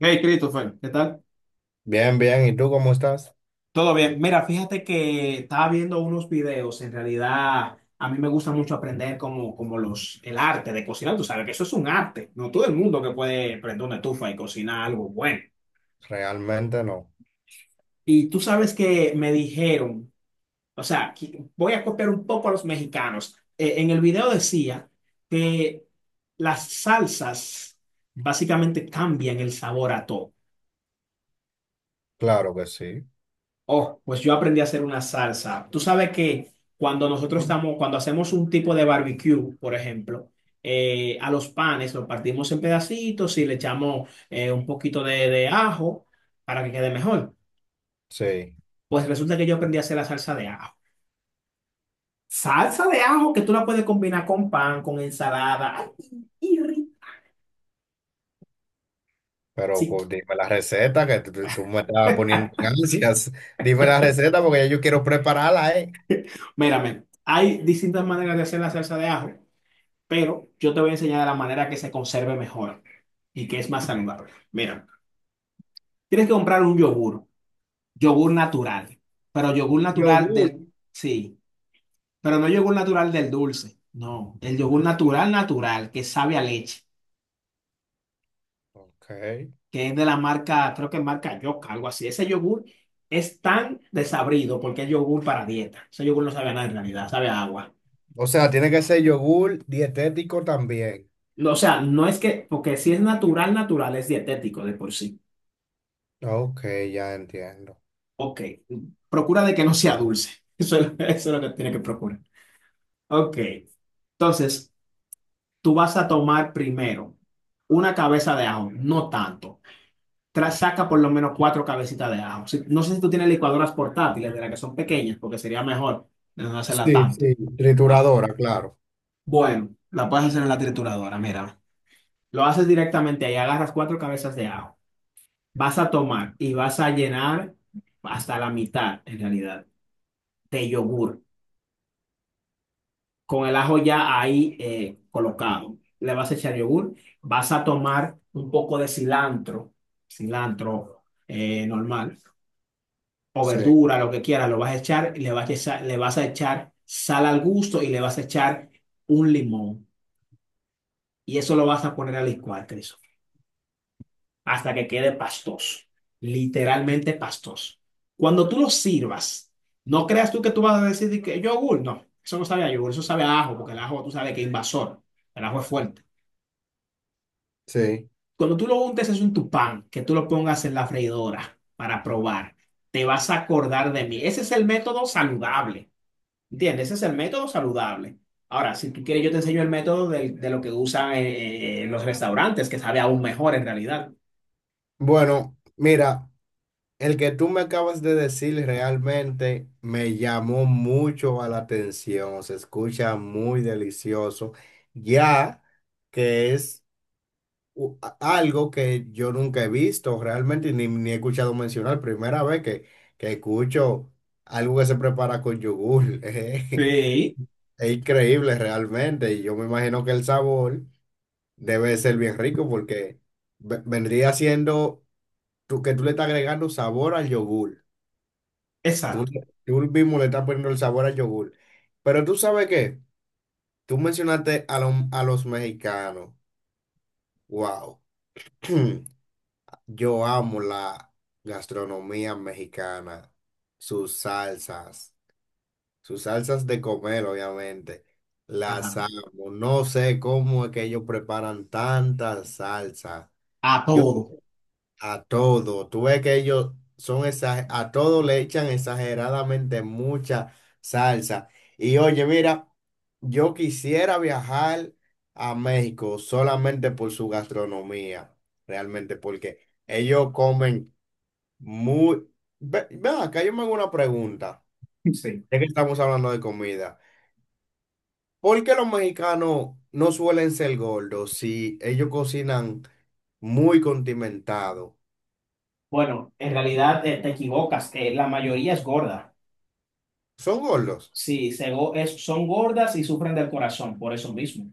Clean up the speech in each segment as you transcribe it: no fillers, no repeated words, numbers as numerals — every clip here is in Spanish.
Hey, Christopher, ¿qué tal? Bien, bien. ¿Y tú cómo estás? Todo bien. Mira, fíjate que estaba viendo unos videos. En realidad, a mí me gusta mucho aprender como el arte de cocinar. Tú sabes que eso es un arte. No todo el mundo que puede prender una estufa y cocinar algo bueno. Realmente no. Y tú sabes que me dijeron, o sea, voy a copiar un poco a los mexicanos. En el video decía que las salsas básicamente cambian el sabor a todo. Claro que sí. Oh, pues yo aprendí a hacer una salsa. Tú sabes que cuando nosotros estamos, cuando hacemos un tipo de barbecue, por ejemplo, a los panes los partimos en pedacitos y le echamos un poquito de ajo para que quede mejor. Sí. Pues resulta que yo aprendí a hacer la salsa de ajo. Salsa de ajo que tú la puedes combinar con pan, con ensalada. Ay, y ri- Pero sí, dime la receta que tú me estás poniendo en ansias. Dime la receta porque ya yo quiero prepararla, ¿eh? mírame, hay distintas maneras de hacer la salsa de ajo, pero yo te voy a enseñar la manera que se conserve mejor y que es más saludable. Mira. Tienes que comprar un yogur, yogur natural, pero yogur natural Yogur. del, sí, pero no yogur natural del dulce, no, el yogur natural natural que sabe a leche, Ok. que es de la marca, creo que marca Yoka, algo así. Ese yogur es tan desabrido porque es yogur para dieta. Ese yogur no sabe a nada en realidad, sabe a agua. O sea, tiene que ser yogur dietético también. No, o sea, no es que, porque si es natural, natural, es dietético de por sí. Ok, ya entiendo. Ok, procura de que no sea dulce. Eso es lo que tiene que procurar. Ok, entonces tú vas a tomar primero una cabeza de ajo, no tanto. Saca por lo menos cuatro cabecitas de ajo. No sé si tú tienes licuadoras portátiles de las que son pequeñas, porque sería mejor de no hacerla Sí, tanto. sí. Ah, Trituradora, claro. bueno, la puedes hacer en la trituradora, mira. Lo haces directamente ahí, agarras cuatro cabezas de ajo. Vas a tomar y vas a llenar hasta la mitad, en realidad, de yogur, con el ajo ya ahí colocado. Le vas a echar yogur, vas a tomar un poco de cilantro, cilantro normal, o Sí, verdura, lo que quieras, lo vas a echar, y le vas a echar, le vas a echar sal al gusto y le vas a echar un limón. Y eso lo vas a poner a licuar, Christopher, hasta que quede pastoso, literalmente pastoso. Cuando tú lo sirvas, no creas tú que tú vas a decir de que yogur, no, eso no sabe a yogur, eso sabe a ajo, porque el ajo tú sabes que es invasor, el ajo es fuerte. sí. Cuando tú lo untes es un tupán, que tú lo pongas en la freidora para probar, te vas a acordar de mí. Ese es el método saludable, ¿entiendes? Ese es el método saludable. Ahora, si tú quieres, yo te enseño el método de lo que usan los restaurantes, que sabe aún mejor en realidad. Bueno, mira. El que tú me acabas de decir realmente me llamó mucho a la atención, se escucha muy delicioso, ya que es algo que yo nunca he visto realmente ni he escuchado mencionar, primera vez que escucho algo que se prepara con yogur, Sí, Es increíble realmente y yo me imagino que el sabor debe ser bien rico porque vendría siendo tú, que tú le estás agregando sabor al yogur. Tú, exacto. tú mismo le estás poniendo el sabor al yogur. Pero tú sabes qué, tú mencionaste a los mexicanos. Wow. Yo amo la gastronomía mexicana, sus salsas, sus salsas de comer, obviamente. Las Ajá, amo. No sé cómo es que ellos preparan tantas salsas. a todo. A todo, tú ves que a todo le echan exageradamente mucha salsa. Y oye, mira, yo quisiera viajar a México solamente por su gastronomía, realmente, porque ellos comen muy… Ven acá, yo me hago una pregunta, Sí. ya que estamos hablando de comida. ¿Por qué los mexicanos no suelen ser gordos si ellos cocinan muy condimentado? Bueno, en realidad te equivocas. La mayoría es gorda. ¿Son gordos? Sí, son gordas y sufren del corazón, por eso mismo.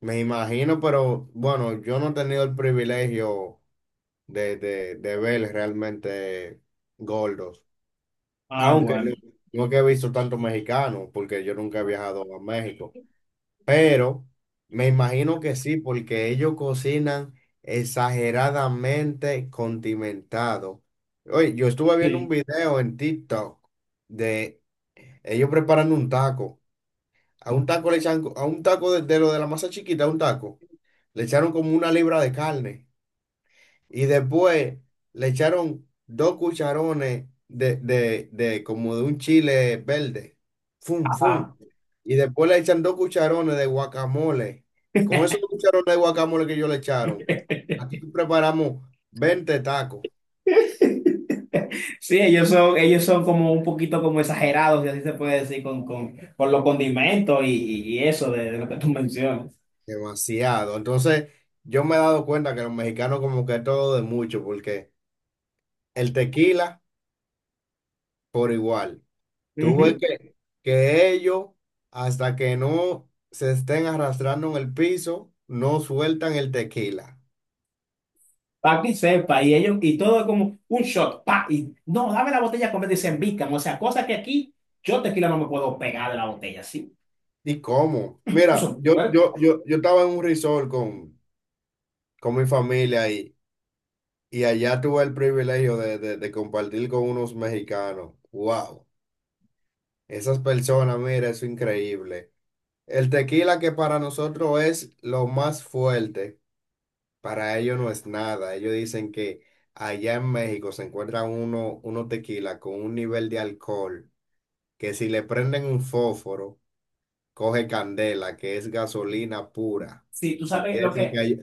Me imagino, pero bueno, yo no he tenido el privilegio de ver realmente gordos. Ah, Aunque, bueno. ujú, no es que he visto tantos mexicanos, porque yo nunca he viajado a México. Pero me imagino que sí, porque ellos cocinan exageradamente condimentado. Oye, yo estuve viendo un Sí. video en TikTok de ellos preparando un taco. A un taco le echan, a un taco de lo de la masa chiquita, a un taco. Le echaron como una libra de carne y después le echaron dos cucharones de como de un chile verde. Fum, Ajá. fum. Y después le echan dos cucharones de guacamole. Con esos dos cucharones de guacamole que ellos le echaron, aquí preparamos 20 tacos. Sí, ellos son como un poquito como exagerados, si así se puede decir, con los condimentos y eso de lo que tú mencionas. Demasiado. Entonces, yo me he dado cuenta que los mexicanos como que todo de mucho, porque el tequila por igual. Tuve que ellos, hasta que no se estén arrastrando en el piso, no sueltan el tequila. Para que sepa, y ellos, y todo es como un shot, pa, y no, dame la botella completa y se embican. O sea, cosas que aquí yo tequila no me puedo pegar de la botella, sí. ¿Y cómo? Mira, Eso, yo, bueno, yo, yo, yo estaba en un resort con mi familia y allá tuve el privilegio de compartir con unos mexicanos. ¡Wow! Esas personas, mira, eso es increíble. El tequila que para nosotros es lo más fuerte. Para ellos no es nada. Ellos dicen que allá en México se encuentra uno tequila con un nivel de alcohol que si le prenden un fósforo, coge candela, que es gasolina pura. si tú Y sabes lo es el que que hay-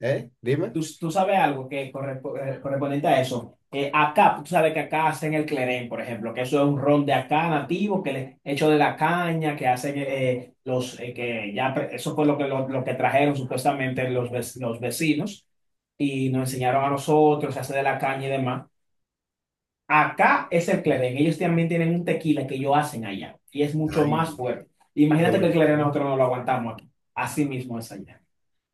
¿Eh? Dime. tú sabes algo que correspondiente a eso. Acá, tú sabes que acá hacen el clerén, por ejemplo, que eso es un ron de acá nativo, que le, hecho de la caña, que hacen los, que ya, pre- eso fue lo que, lo que trajeron supuestamente los, los vecinos y nos enseñaron a nosotros, se hace de la caña y demás. Acá es el clerén, ellos también tienen un tequila que ellos hacen allá y es mucho más Ay, fuerte. yo Imagínate me que el clerén imagino. nosotros no lo aguantamos aquí, así mismo es allá.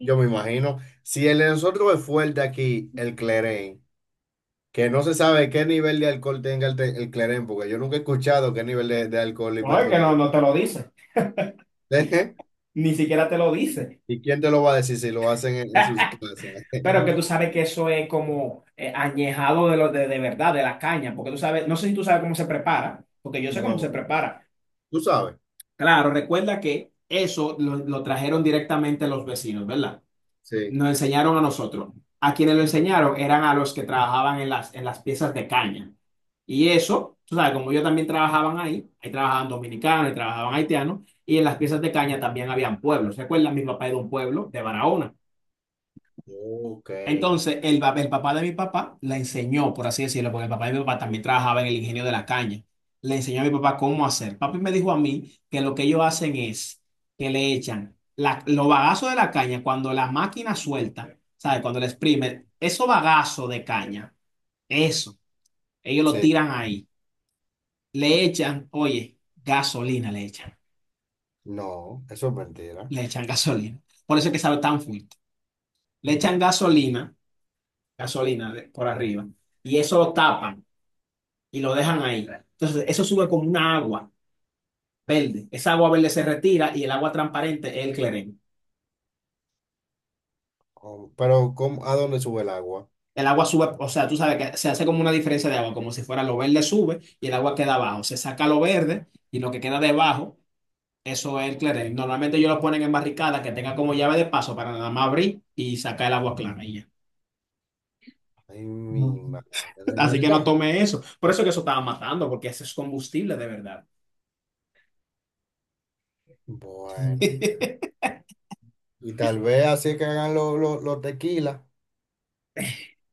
Yo me imagino. Si el de nosotros es fuerte aquí, el Clerén, que no se sabe qué nivel de alcohol tenga el Clerén, porque yo nunca he escuchado qué nivel de alcohol y… No, es que no, no te lo dice, ni siquiera te lo dice. ¿Y quién te lo va a decir si lo hacen en sus casas? Pero que tú sabes que eso es como añejado de verdad, de la caña, porque tú sabes, no sé si tú sabes cómo se prepara, porque yo sé cómo se No, prepara. tú sabes. Claro, recuerda que eso lo trajeron directamente los vecinos, ¿verdad? Sí. Nos enseñaron a nosotros. A quienes lo enseñaron eran a los que trabajaban en las piezas de caña. Y eso, tú sabes, como yo también trabajaban ahí, ahí trabajaban dominicanos, ahí trabajaban haitianos, y en las piezas de caña también habían pueblos. ¿Recuerdas? Mi papá era de un pueblo de Barahona. Ok. Entonces, el papá de mi papá le enseñó, por así decirlo, porque el papá de mi papá también trabajaba en el ingenio de la caña. Le enseñó a mi papá cómo hacer. Papi me dijo a mí que lo que ellos hacen es que los bagazos de la caña cuando la máquina suelta, ¿sabes? Cuando le exprime, esos bagazos de caña, eso, ellos lo Sí, tiran ahí. Le echan, oye, gasolina le echan. no, eso es mentira. Le echan gasolina. Por eso es que sabe tan fuerte. Le echan gasolina, gasolina por arriba, y eso lo tapan y lo dejan ahí. Entonces, eso sube como una agua verde. Esa agua verde se retira y el agua transparente es el clerén. Oh, pero a dónde sube el agua? El agua sube, o sea, tú sabes que se hace como una diferencia de agua, como si fuera lo verde sube y el agua queda abajo. Se saca lo verde y lo que queda debajo, eso es el clerén. Normalmente ellos lo ponen en barricadas que tenga como llave de paso para nada más abrir y sacar el agua clara y ya. Ay, No, mi madre, de así que no verdad. tome eso. Por eso que eso estaba matando, porque ese es combustible de verdad. Bueno, y tal vez así es que hagan los tequilas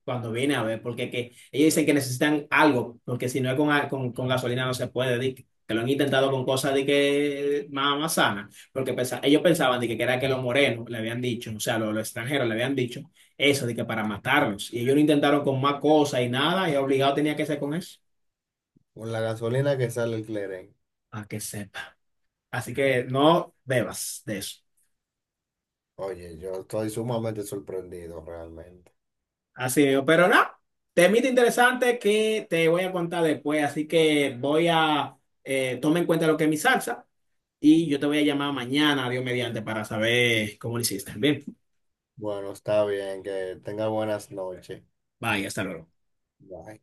Cuando viene a ver, porque que, ellos dicen que necesitan algo, porque si no es con, con gasolina no se puede, di que lo han intentado con cosas de que más, más sanas, porque ellos pensaban de que era que los morenos le habían dicho, o sea, los extranjeros le habían dicho eso, de que para matarlos, y ellos lo intentaron con más cosas y nada, y obligado tenía que ser con eso, con la gasolina que sale el Cleren. a que sepa. Así que no bebas de eso. Oye, yo estoy sumamente sorprendido realmente. Así mismo, pero no, temita interesante que te voy a contar después, así que voy a, toma en cuenta lo que es mi salsa y yo te voy a llamar mañana, Dios mediante, para saber cómo lo hiciste. Bien, Bueno, está bien, que tenga buenas noches. bye, hasta luego. Bye.